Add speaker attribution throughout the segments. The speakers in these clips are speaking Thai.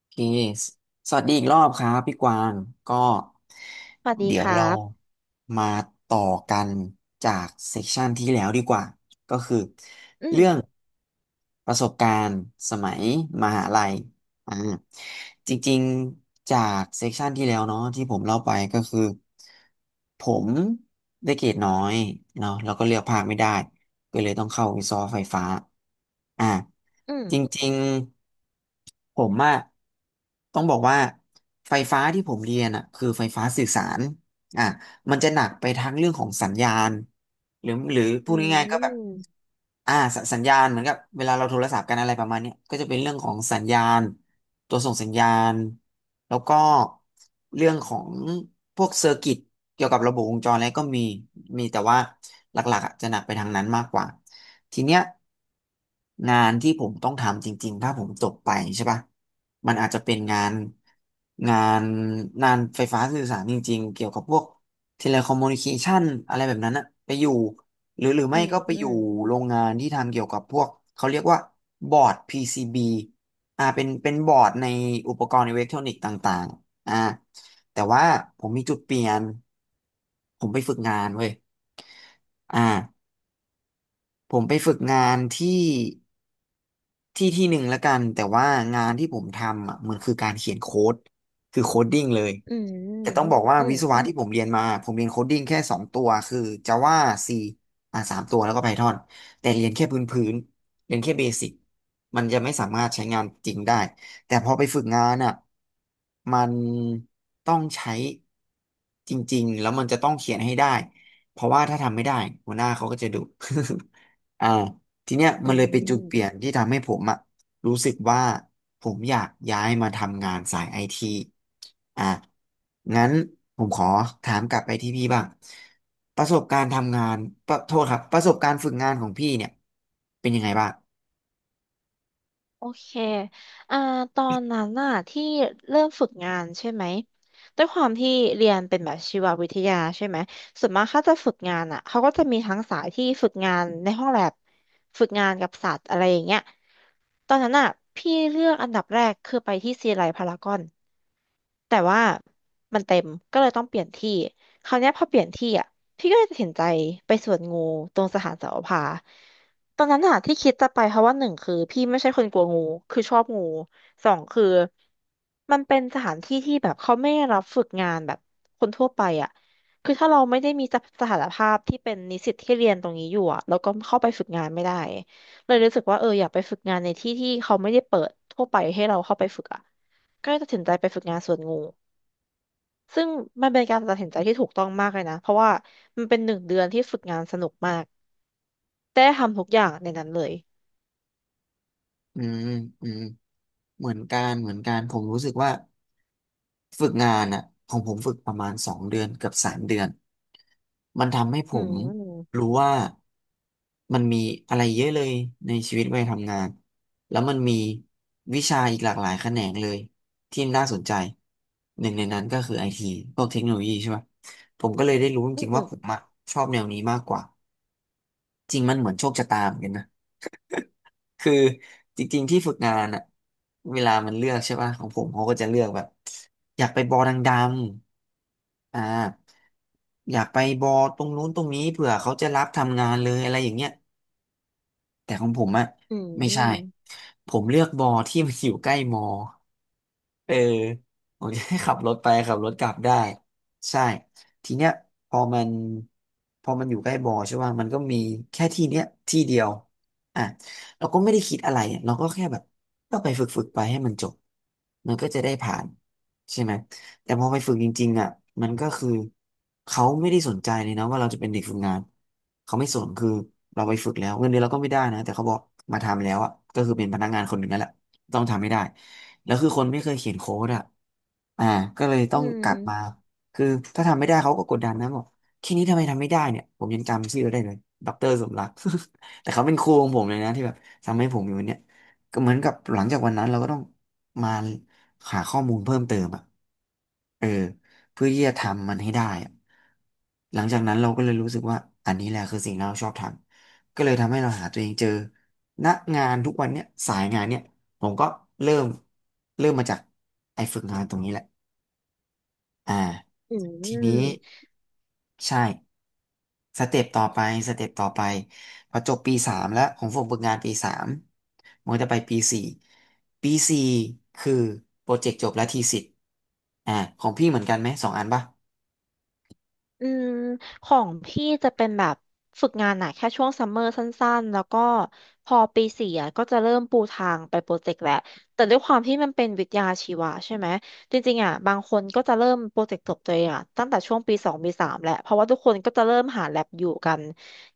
Speaker 1: โอเคสสวัสดีอีกรอบครับพี่กวางก็
Speaker 2: สวัสดี
Speaker 1: เดี๋ย
Speaker 2: ค
Speaker 1: ว
Speaker 2: รั
Speaker 1: เรา
Speaker 2: บ
Speaker 1: มาต่อกันจากเซสชันที่แล้วดีกว่า ก็คือ
Speaker 2: อืม
Speaker 1: เรื่องประสบการณ์สมัยมหาลัย อ่าจริงๆจากเซกชันที่แล้วเนาะที่ผมเล่าไปก็คือผมได้เกรดน้อยเนาะแล้วก็เลือกภาคไม่ได้ก็เลยต้องเข้าวิศวะไฟฟ้าอ่า
Speaker 2: อื
Speaker 1: จ
Speaker 2: ม
Speaker 1: ริงๆผมอะต้องบอกว่าไฟฟ้าที่ผมเรียนอะคือไฟฟ้าสื่อสารอ่ะมันจะหนักไปทั้งเรื่องของสัญญาณหรือพู
Speaker 2: อื
Speaker 1: ดง่ายๆก็แบบ
Speaker 2: ม
Speaker 1: สสัญญาณเหมือนกับเวลาเราโทรศัพท์กันอะไรประมาณเนี้ยก็จะเป็นเรื่องของสัญญาณตัวส่งสัญญาณแล้วก็เรื่องของพวกเซอร์กิตเกี่ยวกับระบบวงจรอะไรก็มีแต่ว่าหลักๆอะจะหนักไปทางนั้นมากกว่าทีเนี้ยงานที่ผมต้องทำจริงๆถ้าผมจบไปใช่ปะมันอาจจะเป็นงานงานไฟฟ้าสื่อสารจริงๆเกี่ยวกับพวก เทเลคอมมูนิเคชันอะไรแบบนั้นอะไปอยู่หรือ
Speaker 2: อื
Speaker 1: ไม่
Speaker 2: ม
Speaker 1: ก็ไป
Speaker 2: อื
Speaker 1: อยู่
Speaker 2: ม
Speaker 1: โรงงานที่ทำเกี่ยวกับพวกเขาเรียกว่าบอร์ด PCB เป็นบอร์ดในอุปกรณ์อิเล็กทรอนิกส์ต่างๆแต่ว่าผมมีจุดเปลี่ยนผมไปฝึกงานเว้ยอ่าผมไปฝึกงานที่ที่ที่หนึ่งแล้วกันแต่ว่างานที่ผมทำอ่ะมันคือการเขียนโค้ดคือโคดดิ้งเลย
Speaker 2: อืม
Speaker 1: แต่ต้องบอกว่า
Speaker 2: อื
Speaker 1: วิ
Speaker 2: ม
Speaker 1: ศวะที่ผมเรียนมาผมเรียนโคดดิ้งแค่สองตัวคือ Java C สามตัวแล้วก็ Python แต่เรียนแค่พื้นเรียนแค่เบสิกมันจะไม่สามารถใช้งานจริงได้แต่พอไปฝึกงานอ่ะมันต้องใช้จริงๆแล้วมันจะต้องเขียนให้ได้เพราะว่าถ้าทำไม่ได้หัวหน้าเขาก็จะดุ อ่าทีเนี้ย
Speaker 2: อื
Speaker 1: มันเลยเป็นจุดเปลี่ยน
Speaker 2: ม
Speaker 1: ที่ทำให้ผมอ่ะ รู้สึกว่าผมอยากย้ายมาทำงานสายไอทีอ่ะงั้นผมขอถามกลับไปที่พี่บ้างประสบการณ์ทำงานประโทษครับประสบการณ์ฝึกงานของพี่เนี่ยเป็นยังไงบ้าง
Speaker 2: โอเค อ่า ตอนนั้นน่ะที่เริ่มฝึกงานใช่ไหมด้วยความที่เรียนเป็นแบบชีววิทยาใช่ไหมส่วนมากเขาจะฝึกงานอ่ะเขาก็จะมีทั้งสายที่ฝึกงานในห้องแลบฝึกงานกับสัตว์อะไรอย่างเงี้ยตอนนั้นน่ะพี่เลือกอันดับแรกคือไปที่ซีไลพารากอน แต่ว่ามันเต็มก็เลยต้องเปลี่ยนที่คราวเนี้ยพอเปลี่ยนที่อ่ะพี่ก็เลยตัดสินใจไปสวนงูตรงสถานเสาวภาตอนนั้นอ่ะที่คิดจะไปเพราะว่าหนึ่งคือพี่ไม่ใช่คนกลัวงูคือชอบงูสองคือมันเป็นสถานที่ที่แบบเขาไม่รับฝึกงานแบบคนทั่วไปอ่ะคือถ้าเราไม่ได้มีสถานภาพที่เป็นนิสิตที่เรียนตรงนี้อยู่อ่ะแล้วก็เข้าไปฝึกงานไม่ได้เลยรู้สึกว่าเอออยากไปฝึกงานในที่ที่เขาไม่ได้เปิดทั่วไปให้เราเข้าไปฝึกอ่ะก็เลยตัดสินใจไปฝึกงานสวนงู ซึ่งมันเป็นการตัดสินใจที่ถูกต้องมากเลยนะ เพราะว่ามันเป็นหนึ่งเดือนที่ฝึกงานสนุกมากได้ทำทุกอย่างในนั้นเลย
Speaker 1: อืมอืมเหมือนกันผมรู้สึกว่าฝึกงานอ่ะของผมฝึกประมาณสองเดือนเกือบสามเดือนมันทำให้ผ
Speaker 2: อื
Speaker 1: ม
Speaker 2: ม
Speaker 1: รู้ว่ามันมีอะไรเยอะเลยในชีวิตวัยทำงานแล้วมันมีวิชาอีกหลากหลายแขนงเลยที่น่าสนใจหนึ่งในนั้นก็คือไอทีพวกเทคโนโลยีใช่ไหมผมก็เลยได้รู้จ
Speaker 2: อืม
Speaker 1: ริงๆ
Speaker 2: อื
Speaker 1: ว่า
Speaker 2: ม
Speaker 1: ผมอะชอบแนวนี้มากกว่าจริงมันเหมือนโชคชะตาเหมือนกันนะ คือจริงๆที่ฝึกงานอะเวลามันเลือกใช่ป่ะของผมเขาก็จะเลือกแบบอยากไปบอดังๆอยากไปบอตรงนู้นตรงนี้เผื่อเขาจะรับทำงานเลยอะไรอย่างเงี้ยแต่ของผมอะ
Speaker 2: อื
Speaker 1: ไม่ใช่
Speaker 2: ม
Speaker 1: ผมเลือกบอที่มันอยู่ใกล้มอ เออผมจะให้ ขับรถไปขับรถกลับได้ใช่ทีเนี้ยพอมันพอมันอยู่ใกล้บ่อใช่ป่ะมันก็มีแค่ที่เนี้ยที่เดียวอ่ะเราก็ไม่ได้คิดอะไรอะเราก็แค่แบบก็ไปฝึกไปให้มันจบมันก็จะได้ผ่านใช่ไหมแต่พอไปฝึกจริงๆอ่ะมันก็คือเขาไม่ได้สนใจเลยนะว่าเราจะเป็นเด็กฝึกงานเขาไม่สนคือเราไปฝึกแล้วเงินเดือนเราก็ไม่ได้นะแต่เขาบอกมาทำแล้วอ่ะก็คือเป็นพนักงานคนหนึ่งนั่นแหละ ต้องทำไม่ได้แล้วคือคนไม่เคยเขียนโค้ดอ่ะอ่าก็เลยต้อ
Speaker 2: อื
Speaker 1: ง
Speaker 2: ม
Speaker 1: กลับมาคือถ้าทำไม่ได้เขาก็กดดันนะบอกแค่นี้ทำไมทำไม่ได้เนี่ยผมยังจำชื่อได้เลยดอกเตอร์สมรัก แต่เขาเป็นครูของผมเลยนะที่แบบทำให้ผมอยู่วันเนี้ยก็เหมือนกับหลังจากวันนั้นเราก็ต้องมาหาข้อมูลเพิ่มเติมอ่ะเออเพื่อที่จะทำมันให้ได้อะหลังจากนั้นเราก็เลยรู้สึกว่าอันนี้แหละคือสิ่งที่เราชอบทำก็เลยทำให้เราหาตัวเองเจอณงานทุกวันเนี้ยสายงานเนี้ย ผมก็เริ่มเริ่มมาจากไอ้ฝึกงานตรงนี้แหละอ่า
Speaker 2: อื
Speaker 1: ทีนี้
Speaker 2: ม
Speaker 1: ใช่สเต็ปต่อไปสเต็ปต่อไปพอจบปีสามแล้วของผมฝึกงานปีสามมันก็จะไปปีสี่คือโปรเจกต์จบและทีสิทธิ์อ่าของพี่เหมือนกันไหมสองอันป่ะ
Speaker 2: อืมของพี่จะเป็นแบบฝึกงานหนะแค่ช่วงซัมเมอร์สั้นๆแล้วก็พอปีสี่อะก็จะเริ่มปูทางไปโปรเจกต์แหละแต่ด้วยความที่มันเป็นวิทยาชีวะใช่ไหมจริงๆอ่ะบางคนก็จะเริ่มโปรเจกต์จบตัวเองอ่ะตั้งแต่ช่วงปีสองปีสามแหละเพราะว่าทุกคนก็จะเริ่มหาแลบอยู่กัน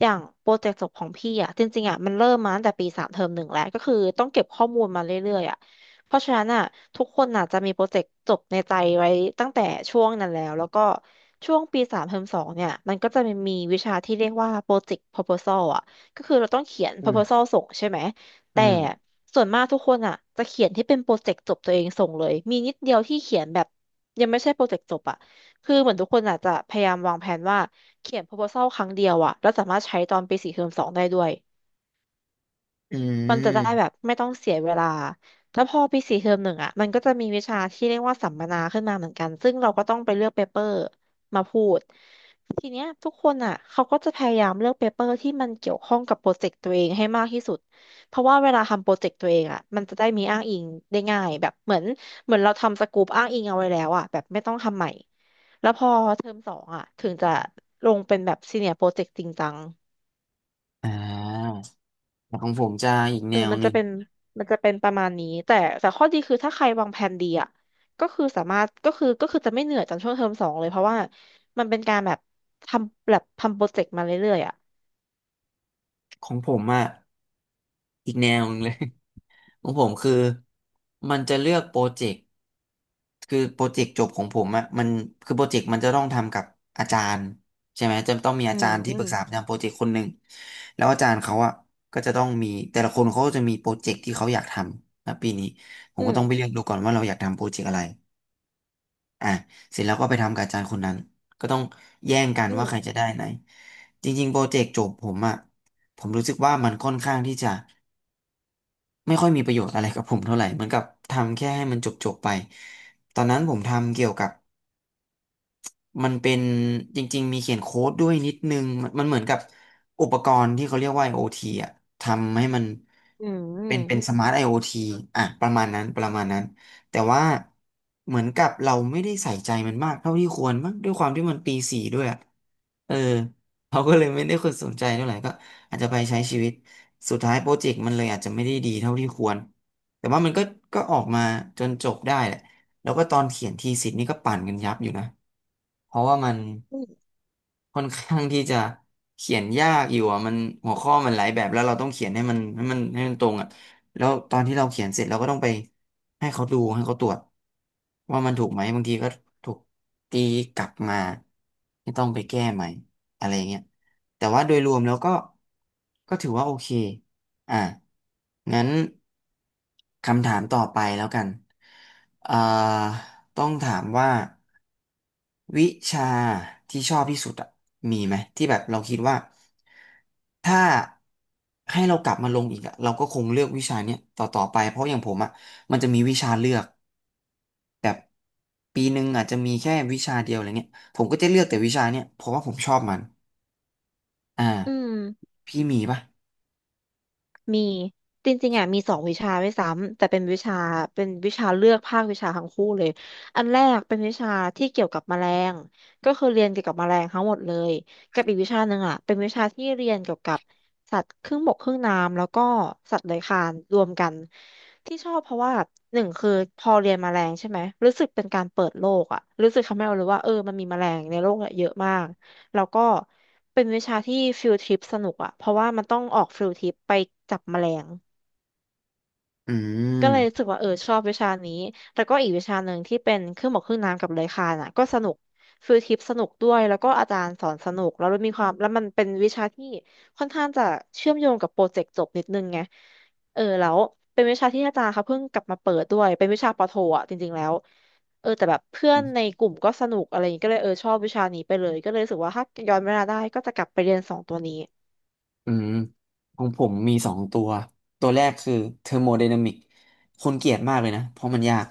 Speaker 2: อย่างโปรเจกต์จบของพี่อ่ะจริงๆอ่ะมันเริ่มมาตั้งแต่ปีสามเทอมหนึ่งแล้วก็คือต้องเก็บข้อมูลมาเรื่อยๆอ่ะ เพราะฉะนั้นอ่ะทุกคนอ่ะจะมีโปรเจกต์จบในใจไว้ตั้งแต่ช่วงนั้นแล้วแล้วก็ช่วงปีสามเทอมสองเนี่ยมันก็จะมีวิชาที่เรียกว่าโปรเจกต์ proposal อ่ะก็คือเราต้องเขียน
Speaker 1: อืม
Speaker 2: proposal ส่งใช่ไหม
Speaker 1: อื
Speaker 2: แต่
Speaker 1: ม
Speaker 2: ส่วนมากทุกคนอ่ะจะเขียนที่เป็นโปรเจกต์จบตัวเองส่งเลยมีนิดเดียวที่เขียนแบบยังไม่ใช่โปรเจกต์จบอ่ะคือเหมือนทุกคนอาจจะพยายามวางแผนว่าเขียน proposal ครั้งเดียวอ่ะแล้วสามารถใช้ตอนปีสี่เทอมสองได้ด้วย
Speaker 1: อื
Speaker 2: มันจะได้แบ
Speaker 1: ม
Speaker 2: บไม่ต้องเสียเวลาแล้วพอปีสี่เทอมหนึ่งอ่ะมันก็จะมีวิชาที่เรียกว่าสัมมนาขึ้นมาเหมือนกันซึ่งเราก็ต้องไปเลือกเปเปอร์มาพูดทีเนี้ยทุกคนอ่ะเขาก็จะพยายามเลือกเปเปอร์ที่มันเกี่ยวข้องกับโปรเจกต์ตัวเองให้มากที่สุดเพราะว่าเวลาทำโปรเจกต์ตัวเองอ่ะมันจะได้มีอ้างอิงได้ง่ายแบบเหมือนเราทำสกูปอ้างอิงเอาไว้แล้วอ่ะแบบไม่ต้องทำใหม่แล้วพอเทอมสองอ่ะถึงจะลงเป็นแบบซีเนียร์โปรเจกต์จริงจัง
Speaker 1: อ่าแต่ของผมจะอีก
Speaker 2: เอ
Speaker 1: แน
Speaker 2: อ
Speaker 1: ว
Speaker 2: มัน
Speaker 1: ห
Speaker 2: จะ
Speaker 1: นึ่ง
Speaker 2: เป็น มันจะเป็นประมาณนี้ แต่แต่ข้อดีคือถ้าใครวางแผนดีอ่ะก็คือสามารถก็คือจะไม่เหนื่อยจากช่วงเทอมสองเลยเพราะว่า มันเป็นการแบบทำแบบทำโปรเจกต์มาเรื่อยๆอ่ะ
Speaker 1: ของผมอ่ะอีกแนวหนึงเลย ของผมคือมันจะเลือกโปรเจกต์ คือโปรเจกต์จบของผมอะมันคือโปรเจกต์มันจะต้องทำกับอาจารย์ใช่ไหมจะต้องมี
Speaker 2: อื
Speaker 1: อาจา
Speaker 2: ม
Speaker 1: รย์ที่
Speaker 2: อื
Speaker 1: ปรึ
Speaker 2: ม
Speaker 1: กษาประจำโปรเจกต์คนหนึ่งแล้วอาจารย์เขาอะก็จะต้องมีแต่ละคนเขาก็จะมีโปรเจกต์ที่เขาอยากทำนะปีนี้ผม
Speaker 2: อื
Speaker 1: ก็
Speaker 2: ม
Speaker 1: ต้องไปเลือกดูก่อนว่าเราอยากทำโปรเจกต์อะไรอ่ะเสร็จแล้วก็ไปทำกับอาจารย์คนนั้นก็ต้องแย่งกัน
Speaker 2: อืม
Speaker 1: ว่าใครจะได้ไหนจริงๆโปรเจกต์จบผมอะผมรู้สึกว่ามันค่อนข้างที่จะไม่ค่อยมีประโยชน์อะไรกับผมเท่าไหร่เหมือนกับทำแค่ให้มันจบๆไปตอนนั้นผมทำเกี่ยวกับ มันเป็นจริงๆมีเขียนโค้ดด้วยนิดนึงมันเหมือนกับอุปกรณ์ที่เขาเรียกว่า IoT อ่ะทำให้มัน
Speaker 2: อืมอื
Speaker 1: เป็
Speaker 2: ม
Speaker 1: นเป็นสมาร์ท IoT อ่ะประมาณนั้นประมาณนั้นแต่ว่าเหมือนกับเราไม่ได้ใส่ใจมันมากเท่าที่ควรมั้งด้วยความที่มันปีสี่ด้วยอะเออเขาก็เลยไม่ได้คนสนใจเท่าไหร่ก็อาจจะไปใช้ชีวิตสุดท้ายโปรเจกต์มันเลยอาจจะไม่ได้ดีเท่าที่ควรแต่ว่ามันก็ออกมาจนจบได้แหละ แล้วก็ตอนเขียนทีสิทธ์นี่ก็ปั่นกันยับอยู่นะ เพราะว่ามัน ค่อนข้างที่จะเขียนยากอยู่อ่ะมันหัวข้อมันหลายแบบแล้วเราต้องเขียนให้มันตรงอ่ะแล้วตอนที่เราเขียนเสร็จเราก็ต้องไปให้เขาดูให้เขาตรวจว่ามันถูกไหมบางทีก็ถูกตีกลับมาที่ต้องไปแก้ใหม่อะไรเงี้ยแต่ว่าโดยรวมแล้วก็ถือว่าโอเคอ่ะงั้นคำถามต่อไปแล้วกันเอ่อต้องถามว่า วิชาที่ชอบที่สุดอะมีไหมที่แบบเราคิดว่าถ้าให้เรากลับมาลงอีกอะเราก็คงเลือกวิชาเนี้ยต่อไปเพราะอย่างผมอะมันจะมีวิชาเลือกแบบปีหนึ่งอาจจะมีแค่วิชาเดียวอะไรเงี้ยผมก็จะเลือกแต่วิชาเนี้ยเพราะว่าผมชอบมัน
Speaker 2: อื
Speaker 1: อ่า
Speaker 2: ม
Speaker 1: พี่มีปะ
Speaker 2: มีจริงๆอ่ะมีสองวิชาด้วยซ้ำแต่เป็นวิชาเป็นวิชาเลือกภาควิชาทั้งคู่เลยอันแรกเป็นวิชาที่เกี่ยวกับแมลงก็คือเรียนเกี่ยวกับแมลงทั้งหมดเลยกับอีกวิชาหนึ่งอ่ะเป็นวิชาที่เรียนเกี่ยวกับสัตว์ครึ่งบกครึ่งน้ำแล้วก็สัตว์เลื้อยคลานรวมกันที่ชอบเพราะว่าหนึ่งคือพอเรียนแมลงใช่ไหมรู้สึกเป็นการเปิดโลกอ่ะรู้สึกทำให้เรารู้ว่าเออมันมีแมลงในโลกอะเยอะมาก แล้วก็เป็นวิชาที่ฟิลทริปสนุกอะเพราะว่ามันต้องออกฟิลทริปไปจับแมลง
Speaker 1: อื
Speaker 2: ก็เลยรู้สึ
Speaker 1: ม
Speaker 2: กว่าเออชอบวิชานี้แต่ก็อีกวิชาหนึ่งที่เป็นเครื่องหมอกเครื่องน้ำกับเลื้อยคลานอ่ะก็สนุกฟิลทริปสนุกด้วยแล้วก็อาจารย์สอนสนุกแล้วมีความแล้วมันเป็นวิชาที่ค่อนข้างจะเชื่อมโยงกับโปรเจกต์จบนิดนึงไงเออแล้วเป็นวิชาที่อาจารย์เขาเพิ่งกลับมาเปิดด้วยเป็นวิชาปอโทอ่ะจริงๆแล้วเออแต่แบบเพื่อนในกลุ่มก็สนุกอะไรอย่างงี้ก็เลยเออชอบวิชานี้ไปเลยก็เลยรู้สึกว่าถ้าย้อนเวลาได้ก็จะกลับไปเรียนสองตัวนี้
Speaker 1: อืมของผมมีสองตัวตัวแรกคือเทอร์โมไดนามิกคนเกลียดมากเลยนะเพราะมันยาก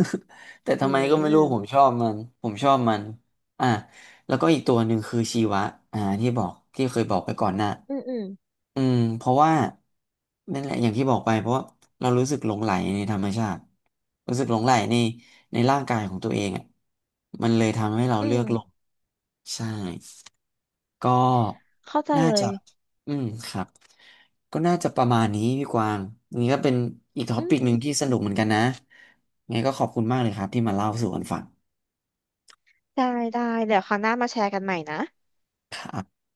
Speaker 1: แต่
Speaker 2: อื
Speaker 1: ทำไมก็ไม่รู้ผม
Speaker 2: ม
Speaker 1: ชอบมันผมชอบมันอ่ะแล้วก็อีกตัวหนึ่งคือชีวะอ่าที่เคยบอกไปก่อนหน้า
Speaker 2: อืมอืม
Speaker 1: อืมเพราะว่านั่นแหละอย่างที่บอกไปเพราะว่าเรารู้สึกหลงใหลในธรรมชาติรู้สึกหลงใหลในร่างกายของตัวเองอ่ะมันเลยทำให้เรา
Speaker 2: อื
Speaker 1: เลื
Speaker 2: ม
Speaker 1: อกหลงใช่ ก็
Speaker 2: เข้าใจ
Speaker 1: น่า
Speaker 2: เล
Speaker 1: จะ
Speaker 2: ย
Speaker 1: อืม ครับ ก็น่าจะประมาณนี้พี่กวางอันนี่ก็เป็นอีกท็อ
Speaker 2: อื
Speaker 1: ปิก
Speaker 2: ม
Speaker 1: หนึ่งที่สนุกเหมือนกันนะ ไงก็ขอบคุณมากเลยครับที่มาเล่าสู่กันฟัง
Speaker 2: ได้ได้เดี๋ยวคราวหน้ามาแชร์กันใหม่นะ
Speaker 1: ครับ